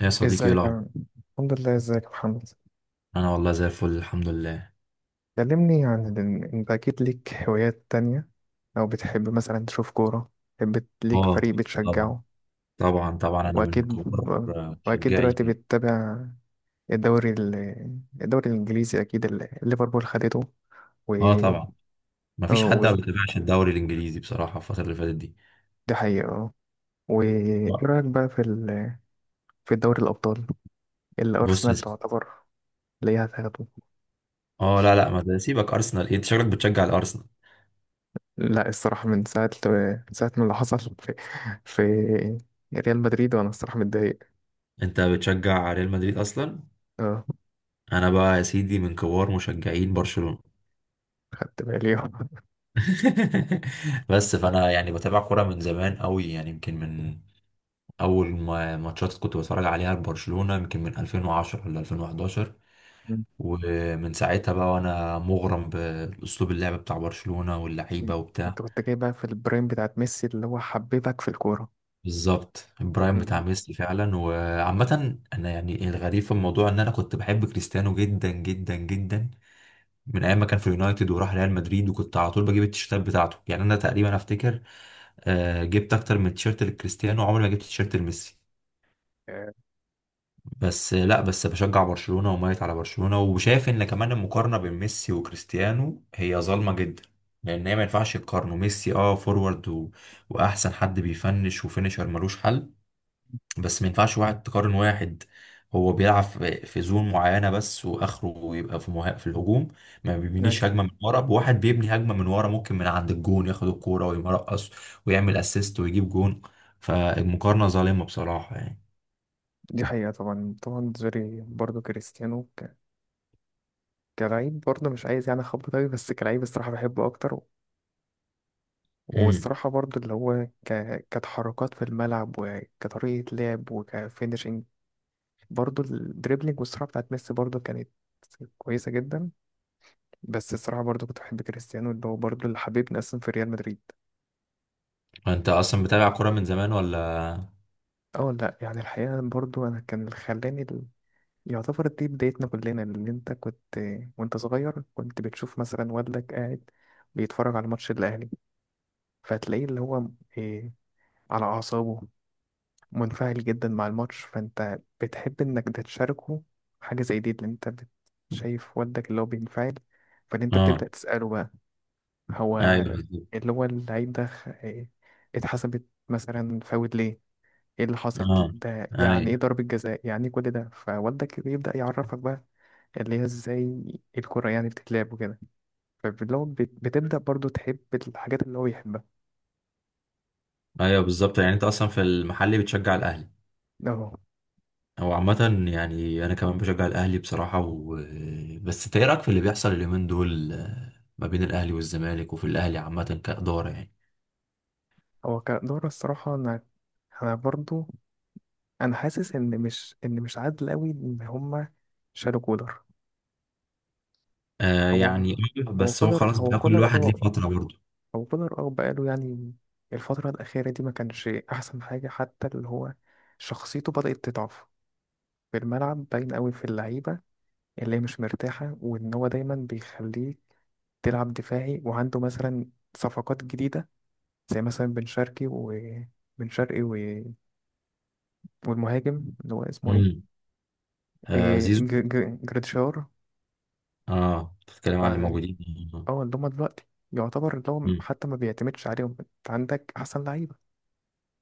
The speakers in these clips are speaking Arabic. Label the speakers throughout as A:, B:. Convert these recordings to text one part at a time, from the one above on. A: يا صديقي ايه
B: ازيك يا
A: الاخبار؟
B: عم؟ الحمد لله، ازيك يا محمد.
A: انا والله زي الفل الحمد لله.
B: كلمني عن انت اكيد ليك هوايات تانية، او بتحب مثلا تشوف كورة، بتحب ليك فريق
A: اه، طبعا.
B: بتشجعه.
A: طبعا انا من
B: واكيد،
A: كبار
B: واكيد
A: مشجعي.
B: دلوقتي بتتابع الدوري ال... الدوري الانجليزي اكيد اللي ليفربول خدته. و
A: اه طبعا، ما
B: اه
A: فيش
B: و...
A: حد ما بيتابعش الدوري الانجليزي بصراحه الفتره اللي فاتت دي
B: دي حقيقة، اه. وايه
A: بقى.
B: رأيك بقى في دوري الابطال اللي
A: بص يا
B: ارسنال
A: سيدي.
B: تعتبر ليها تاخده.
A: اه لا لا، ما ده سيبك ارسنال إيه، انت شكلك بتشجع الارسنال.
B: لا الصراحة، من ساعة ما اللي حصل في ريال مدريد وأنا الصراحة متضايق.
A: انت بتشجع ريال مدريد اصلا؟
B: اه،
A: انا بقى يا سيدي من كبار مشجعين برشلونه.
B: خدت بالي آه.
A: بس فانا يعني بتابع كوره من زمان قوي، يعني يمكن من اول ما ماتشات كنت بتفرج عليها لبرشلونه يمكن من 2010 ولا 2011.
B: مم.
A: ومن ساعتها بقى وانا مغرم باسلوب اللعب بتاع برشلونة واللعيبة وبتاع.
B: أنت كنت جاي بقى في البرايم بتاعت ميسي اللي هو حببك في الكورة.
A: بالظبط البرايم
B: مم.
A: بتاع ميسي فعلا. وعامة انا يعني الغريب في الموضوع ان انا كنت بحب كريستيانو جدا جدا جدا، من ايام ما كان في اليونايتد وراح ريال مدريد، وكنت على طول بجيب التيشيرتات بتاعته. يعني انا تقريبا افتكر جبت اكتر من تيشيرت لكريستيانو، عمري ما جبت تيشيرت لميسي.
B: آه،
A: بس لا، بس بشجع برشلونة وميت على برشلونة، وشايف ان كمان المقارنة بين ميسي وكريستيانو هي ظالمة جدا، لان هي ما ينفعش يقارنوا ميسي، فورورد و... واحسن حد بيفنش وفينشر ملوش حل. بس ما ينفعش واحد تقارن واحد. هو بيلعب في زون معينة بس، واخره يبقى في الهجوم، ما
B: أيوة،
A: بيبنيش هجمة من ورا. بواحد بيبني هجمة من ورا ممكن من عند الجون ياخد الكورة ويمرقص ويعمل اسيست ويجيب جون. فالمقارنة ظالمة بصراحة.
B: دي حقيقة. طبعا، طبعا زوري برضه كريستيانو كلاعب، برضه مش عايز يعني أخبط أوي، بس كلاعب الصراحة بحبه أكتر.
A: يعني
B: والصراحة برضه اللي هو كتحركات في الملعب وكطريقة لعب وكفينشنج. برضو الدريبلينج والسرعة بتاعت ميسي برضو كانت كويسة جدا، بس الصراحة برضو كنت بحب كريستيانو اللي هو برضو اللي حبيبني أصلا في ريال مدريد.
A: انت اصلا بتابع كوره من زمان ولا؟
B: اه، لا يعني الحقيقة برضو أنا كان اللي خلاني يعتبر دي بدايتنا كلنا، اللي انت كنت، وانت صغير كنت بتشوف مثلا والدك قاعد بيتفرج على ماتش الأهلي، فتلاقيه اللي هو إيه، على أعصابه منفعل جدا مع الماتش، فانت بتحب انك ده تشاركه حاجة زي دي. اللي انت شايف والدك اللي هو بينفعل، فان انت
A: اه.
B: بتبدأ تسأله بقى هو
A: ايوه بالظبط.
B: اللي هو العيب ده اتحسبت مثلا فاول ليه، ايه اللي حصل
A: اه
B: ده، يعني ايه
A: ايوه.
B: ضربة جزاء، يعني ايه كل ده، فوالدك بيبدأ يعرفك بقى اللي هي ازاي الكرة يعني بتتلعب وكده. فاللي هو بتبدأ برضو تحب الحاجات اللي هو يحبها.
A: ايوه بالظبط. يعني انت اصلا في المحل بتشجع الاهلي.
B: اهو.
A: هو عامة يعني أنا كمان بشجع الأهلي بصراحة و... بس أنت إيه رأيك في اللي بيحصل اليومين دول ما بين الأهلي والزمالك، وفي الأهلي عامة كإدارة يعني.
B: هو كدورة الصراحة، انا برضو، انا حاسس ان مش ان مش عادل قوي ان هما شالوا كولر.
A: آه
B: هو
A: يعني.
B: هو
A: بس هو
B: كولر
A: خلاص
B: هو
A: بقى، كل
B: كولر
A: واحد ليه
B: اه،
A: فترة برضه.
B: هو كولر اه، بقاله يعني الفترة الأخيرة دي ما كانش أحسن حاجة، حتى اللي هو شخصيته بدأت تضعف في الملعب، باين قوي في اللعيبة اللي هي مش مرتاحة، وإن هو دايما بيخليك تلعب دفاعي، وعنده مثلا صفقات جديدة زي مثلا بن شرقي و... والمهاجم اللي هو اسمه إيه,
A: امم آه
B: إيه
A: زيزو.
B: جريتشار.
A: اه بتتكلم
B: ف
A: عن اللي موجودين.
B: اه اللي هما دلوقتي يعتبر اللي هو
A: مم.
B: حتى ما بيعتمدش عليهم، أنت عندك أحسن لعيبة،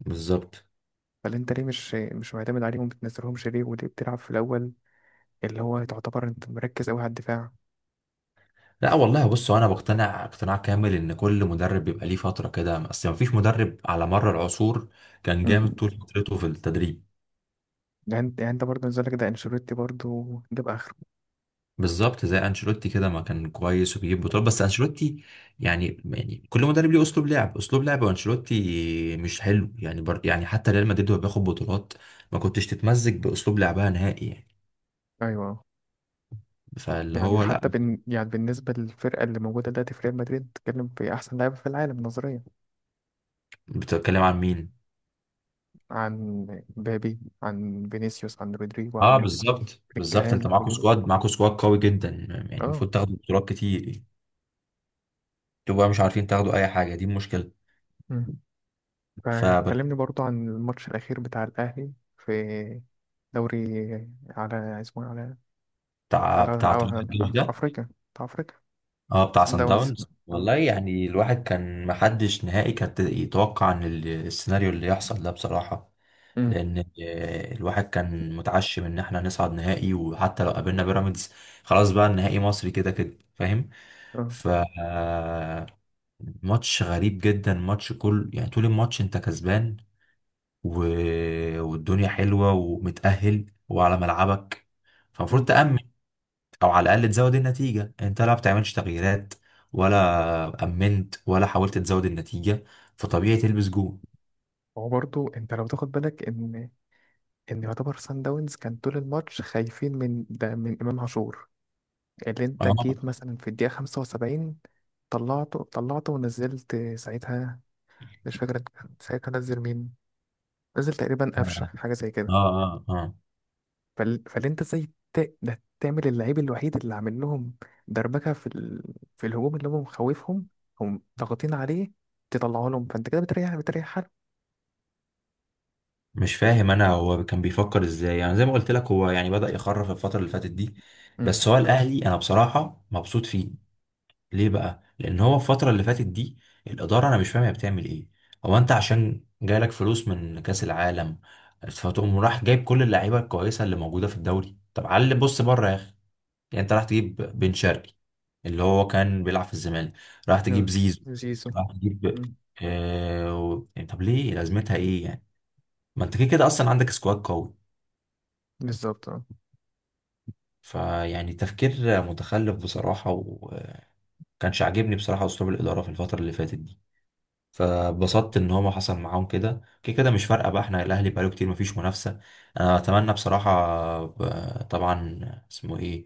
A: بالظبط.
B: فاللي انت ليه مش معتمد عليهم، بتنزلهمش ليه، وليه بتلعب في الاول اللي هو تعتبر انت مركز قوي على الدفاع.
A: لا والله بص، انا بقتنع اقتناع كامل ان كل مدرب بيبقى ليه فتره كده، اصل ما فيش مدرب على مر العصور كان
B: مم.
A: جامد طول فترته في التدريب.
B: يعني انت برضه نزلك ده انشيلوتي برضه جاب اخره.
A: بالظبط زي انشيلوتي كده، ما كان كويس وبيجيب بطولات. بس انشيلوتي يعني، يعني كل مدرب ليه اسلوب لعب، وانشيلوتي مش حلو يعني يعني حتى ريال مدريد وهو بياخد بطولات، ما كنتش تتمزج باسلوب لعبها نهائي يعني.
B: ايوه،
A: فاللي
B: يعني
A: هو لا.
B: حتى بن يعني بالنسبه للفرقه اللي موجوده دلوقتي في ريال مدريد، بتتكلم في احسن لاعب في العالم نظريا.
A: بتتكلم عن مين؟
B: عن بابي، عن فينيسيوس، عن رودريجو،
A: اه
B: عن
A: بالظبط بالظبط،
B: بلينجهام،
A: انت معاكوا
B: كل دول.
A: سكواد معاكوا سكواد قوي جدا، يعني
B: اه.
A: المفروض تاخدوا بطولات كتير. تبقى مش عارفين تاخدوا اي حاجه، دي المشكله.
B: مم.
A: فبتاع
B: فكلمني برضه عن الماتش الاخير بتاع الاهلي في دوري على اسمه إيه؟
A: بتاع
B: على
A: طلائع
B: على
A: الجيش
B: على
A: ده.
B: افريقيا، بتاع افريقيا.
A: اه بتاع
B: سان
A: سان
B: داونز،
A: داونز،
B: اه.
A: والله يعني الواحد كان، محدش نهائي كان يتوقع ان السيناريو اللي يحصل ده بصراحه،
B: امم.
A: لان الواحد كان متعشم ان احنا نصعد نهائي، وحتى لو قابلنا بيراميدز خلاص بقى النهائي مصري كده كده، فاهم؟
B: اه.
A: ف آه، ماتش غريب جدا. ماتش كل، يعني طول الماتش انت كسبان و... والدنيا حلوة ومتأهل وعلى ملعبك، فالمفروض
B: امم.
A: تأمن أو على الأقل تزود النتيجة. أنت لا بتعملش تغييرات ولا أمنت ولا حاولت تزود النتيجة، فطبيعي تلبس جون.
B: هو برضو انت لو تاخد بالك ان ان يعتبر سان داونز كان طول الماتش خايفين من ده، من امام عاشور، اللي
A: آه
B: انت
A: آه.
B: جيت مثلا في الدقيقه 75 طلعته ونزلت ساعتها، مش فاكر ساعتها نزل مين، نزل تقريبا قفشه حاجه زي كده.
A: آه آه.
B: فاللي انت ازاي ده تعمل اللعيب الوحيد اللي عامل لهم دربكه في الهجوم، اللي هم مخوفهم، هم ضاغطين عليه، تطلعه لهم، فانت كده بتريح، بتريح حالك.
A: مش فاهم أنا هو كان بيفكر إزاي، يعني زي ما قلت لك هو يعني بدأ يخرف الفترة اللي فاتت دي.
B: مم.
A: بس هو الأهلي أنا بصراحة مبسوط فيه. ليه بقى؟ لأن هو الفترة اللي فاتت دي الإدارة، أنا مش فاهم هي بتعمل إيه. هو أنت عشان جالك فلوس من كأس العالم، فتقوم راح جايب كل اللعيبة الكويسة اللي موجودة في الدوري؟ طب علي بص بره يا أخي. يعني أنت راح تجيب بن شرقي اللي هو كان بيلعب في الزمالك، راح تجيب
B: نعم،
A: زيزو،
B: زيزو.
A: راح تجيب
B: مم.
A: يعني طب ليه لازمتها إيه يعني؟ ما أنت كده كده أصلا عندك سكواد قوي.
B: بالظبط اه.
A: فيعني تفكير متخلف بصراحة، وكانش عاجبني بصراحة أسلوب الإدارة في الفترة اللي فاتت دي. فبسطت ان هو ما حصل معاهم كده كده كده، مش فارقه بقى احنا الاهلي بقاله كتير مفيش منافسه. انا اتمنى بصراحه طبعا اسمه ايه،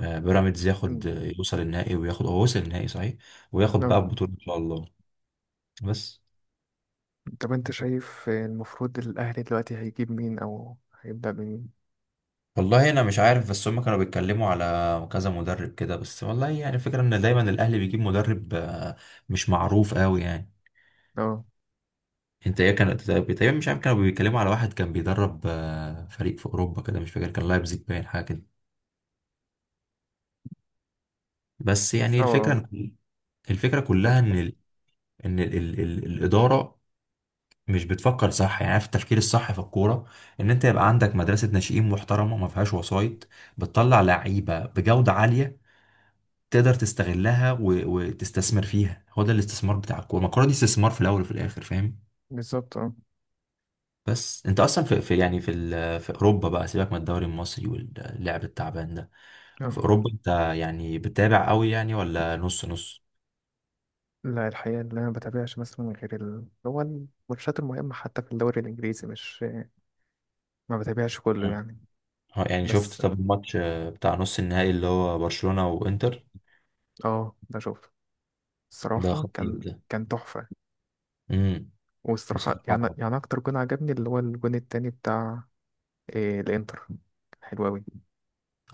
A: بيراميدز ياخد،
B: أمم.
A: يوصل النهائي وياخد، هو وصل النهائي صحيح، وياخد بقى
B: اه،
A: البطوله ان شاء الله. بس
B: طب انت شايف المفروض الاهلي دلوقتي هيجيب مين او هيبدأ بمين.
A: والله انا مش عارف، بس هم كانوا بيتكلموا على كذا مدرب كده، بس والله يعني الفكره ان دايما الاهلي بيجيب مدرب مش معروف قوي يعني.
B: اه.
A: انت ايه كان تقريبا، مش عارف كانوا بيتكلموا على واحد كان بيدرب فريق في اوروبا كده، مش فاكر كان لايبزيج باين حاجه كده. بس يعني
B: اه آه.
A: الفكرة، الفكرة كلها
B: ماشي
A: ان
B: خلاص.
A: الإدارة مش بتفكر صح. يعني عارف التفكير الصح في الكورة، ان انت يبقى عندك مدرسة ناشئين محترمة ما فيهاش وسايط، بتطلع لعيبة بجودة عالية، تقدر تستغلها و... وتستثمر فيها. هو ده الاستثمار بتاع الكورة، ما الكورة دي استثمار في الأول وفي الآخر، فاهم؟
B: بالظبط اه.
A: بس انت اصلا في، يعني في اوروبا بقى سيبك من الدوري المصري واللعب التعبان ده. في
B: اه
A: اوروبا انت يعني بتتابع قوي يعني ولا نص نص؟
B: لا الحقيقة، اللي أنا ما بتابعش مثلا غير اللي هو الماتشات المهمة، حتى في الدوري الإنجليزي مش ما بتابعش كله يعني.
A: اه يعني
B: بس
A: شفت طب الماتش بتاع نص النهائي اللي هو برشلونة وانتر؟
B: اه بشوف.
A: ده
B: الصراحة
A: خطير
B: كان،
A: ده.
B: كان تحفة.
A: امم
B: والصراحة يعني،
A: بصراحة
B: يعني أكتر جون عجبني اللي هو الجون التاني بتاع إيه الإنتر، حلو أوي.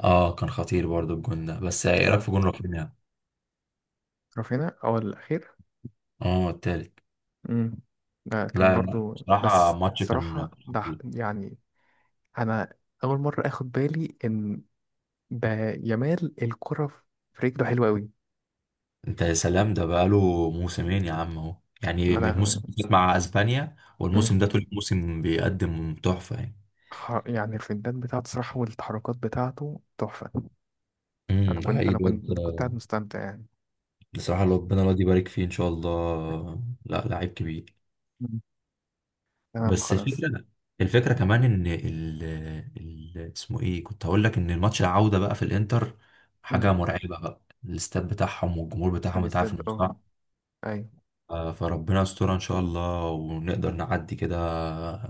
A: اه كان خطير برضو الجون ده. بس ايه رايك
B: اه،
A: في جون رافينيا؟
B: رافينا اه الأخير.
A: اه التالت.
B: امم. ده كان
A: لا لا،
B: برضو،
A: بصراحة
B: بس
A: الماتش كان
B: الصراحة
A: كان
B: ده
A: خطير.
B: يعني أنا أول مرة آخد بالي إن ده يمال الكرة في رجله حلوة أوي.
A: انت يا سلام، ده بقاله موسمين يا عم اهو،
B: ما
A: يعني من
B: أنا،
A: الموسم اللي فات مع اسبانيا
B: مم.
A: والموسم ده طول الموسم بيقدم تحفة يعني.
B: يعني الفنتات بتاعته صراحة والتحركات بتاعته تحفة. أنا
A: ده
B: كنت
A: حقيقي
B: أنا
A: الواد
B: كنت أنا كنت قاعد مستمتع يعني.
A: بصراحة ربنا الواد يبارك فيه ان شاء الله، لا لعيب كبير.
B: تمام
A: بس
B: خلاص.
A: الفكره، الفكره كمان ان اسمه ايه كنت هقول لك، ان الماتش العوده بقى في الانتر
B: مم.
A: حاجه مرعبه بقى. الاستاد بتاعهم والجمهور
B: في
A: بتاعهم انت عارف
B: الاستاد
A: انه
B: اه.
A: صعب.
B: ايوه.
A: فربنا يسترها ان شاء الله ونقدر نعدي كده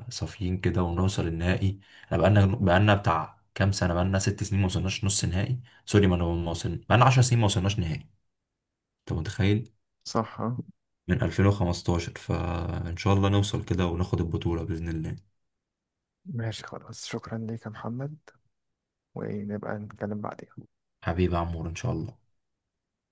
A: صافيين كده ونوصل النهائي. احنا بقالنا بتاع كام سنه، بقالنا 6 سنين ما وصلناش نص نهائي، سوري ما وصلنا، بقالنا 10 سنين ما وصلناش نهائي، انت متخيل؟
B: صح آه.
A: من 2015، فان شاء الله نوصل كده وناخد البطوله باذن الله.
B: ماشي خلاص، شكرا ليك يا محمد، ونبقى نتكلم بعدين.
A: حبيبي يا عمور ان شاء الله.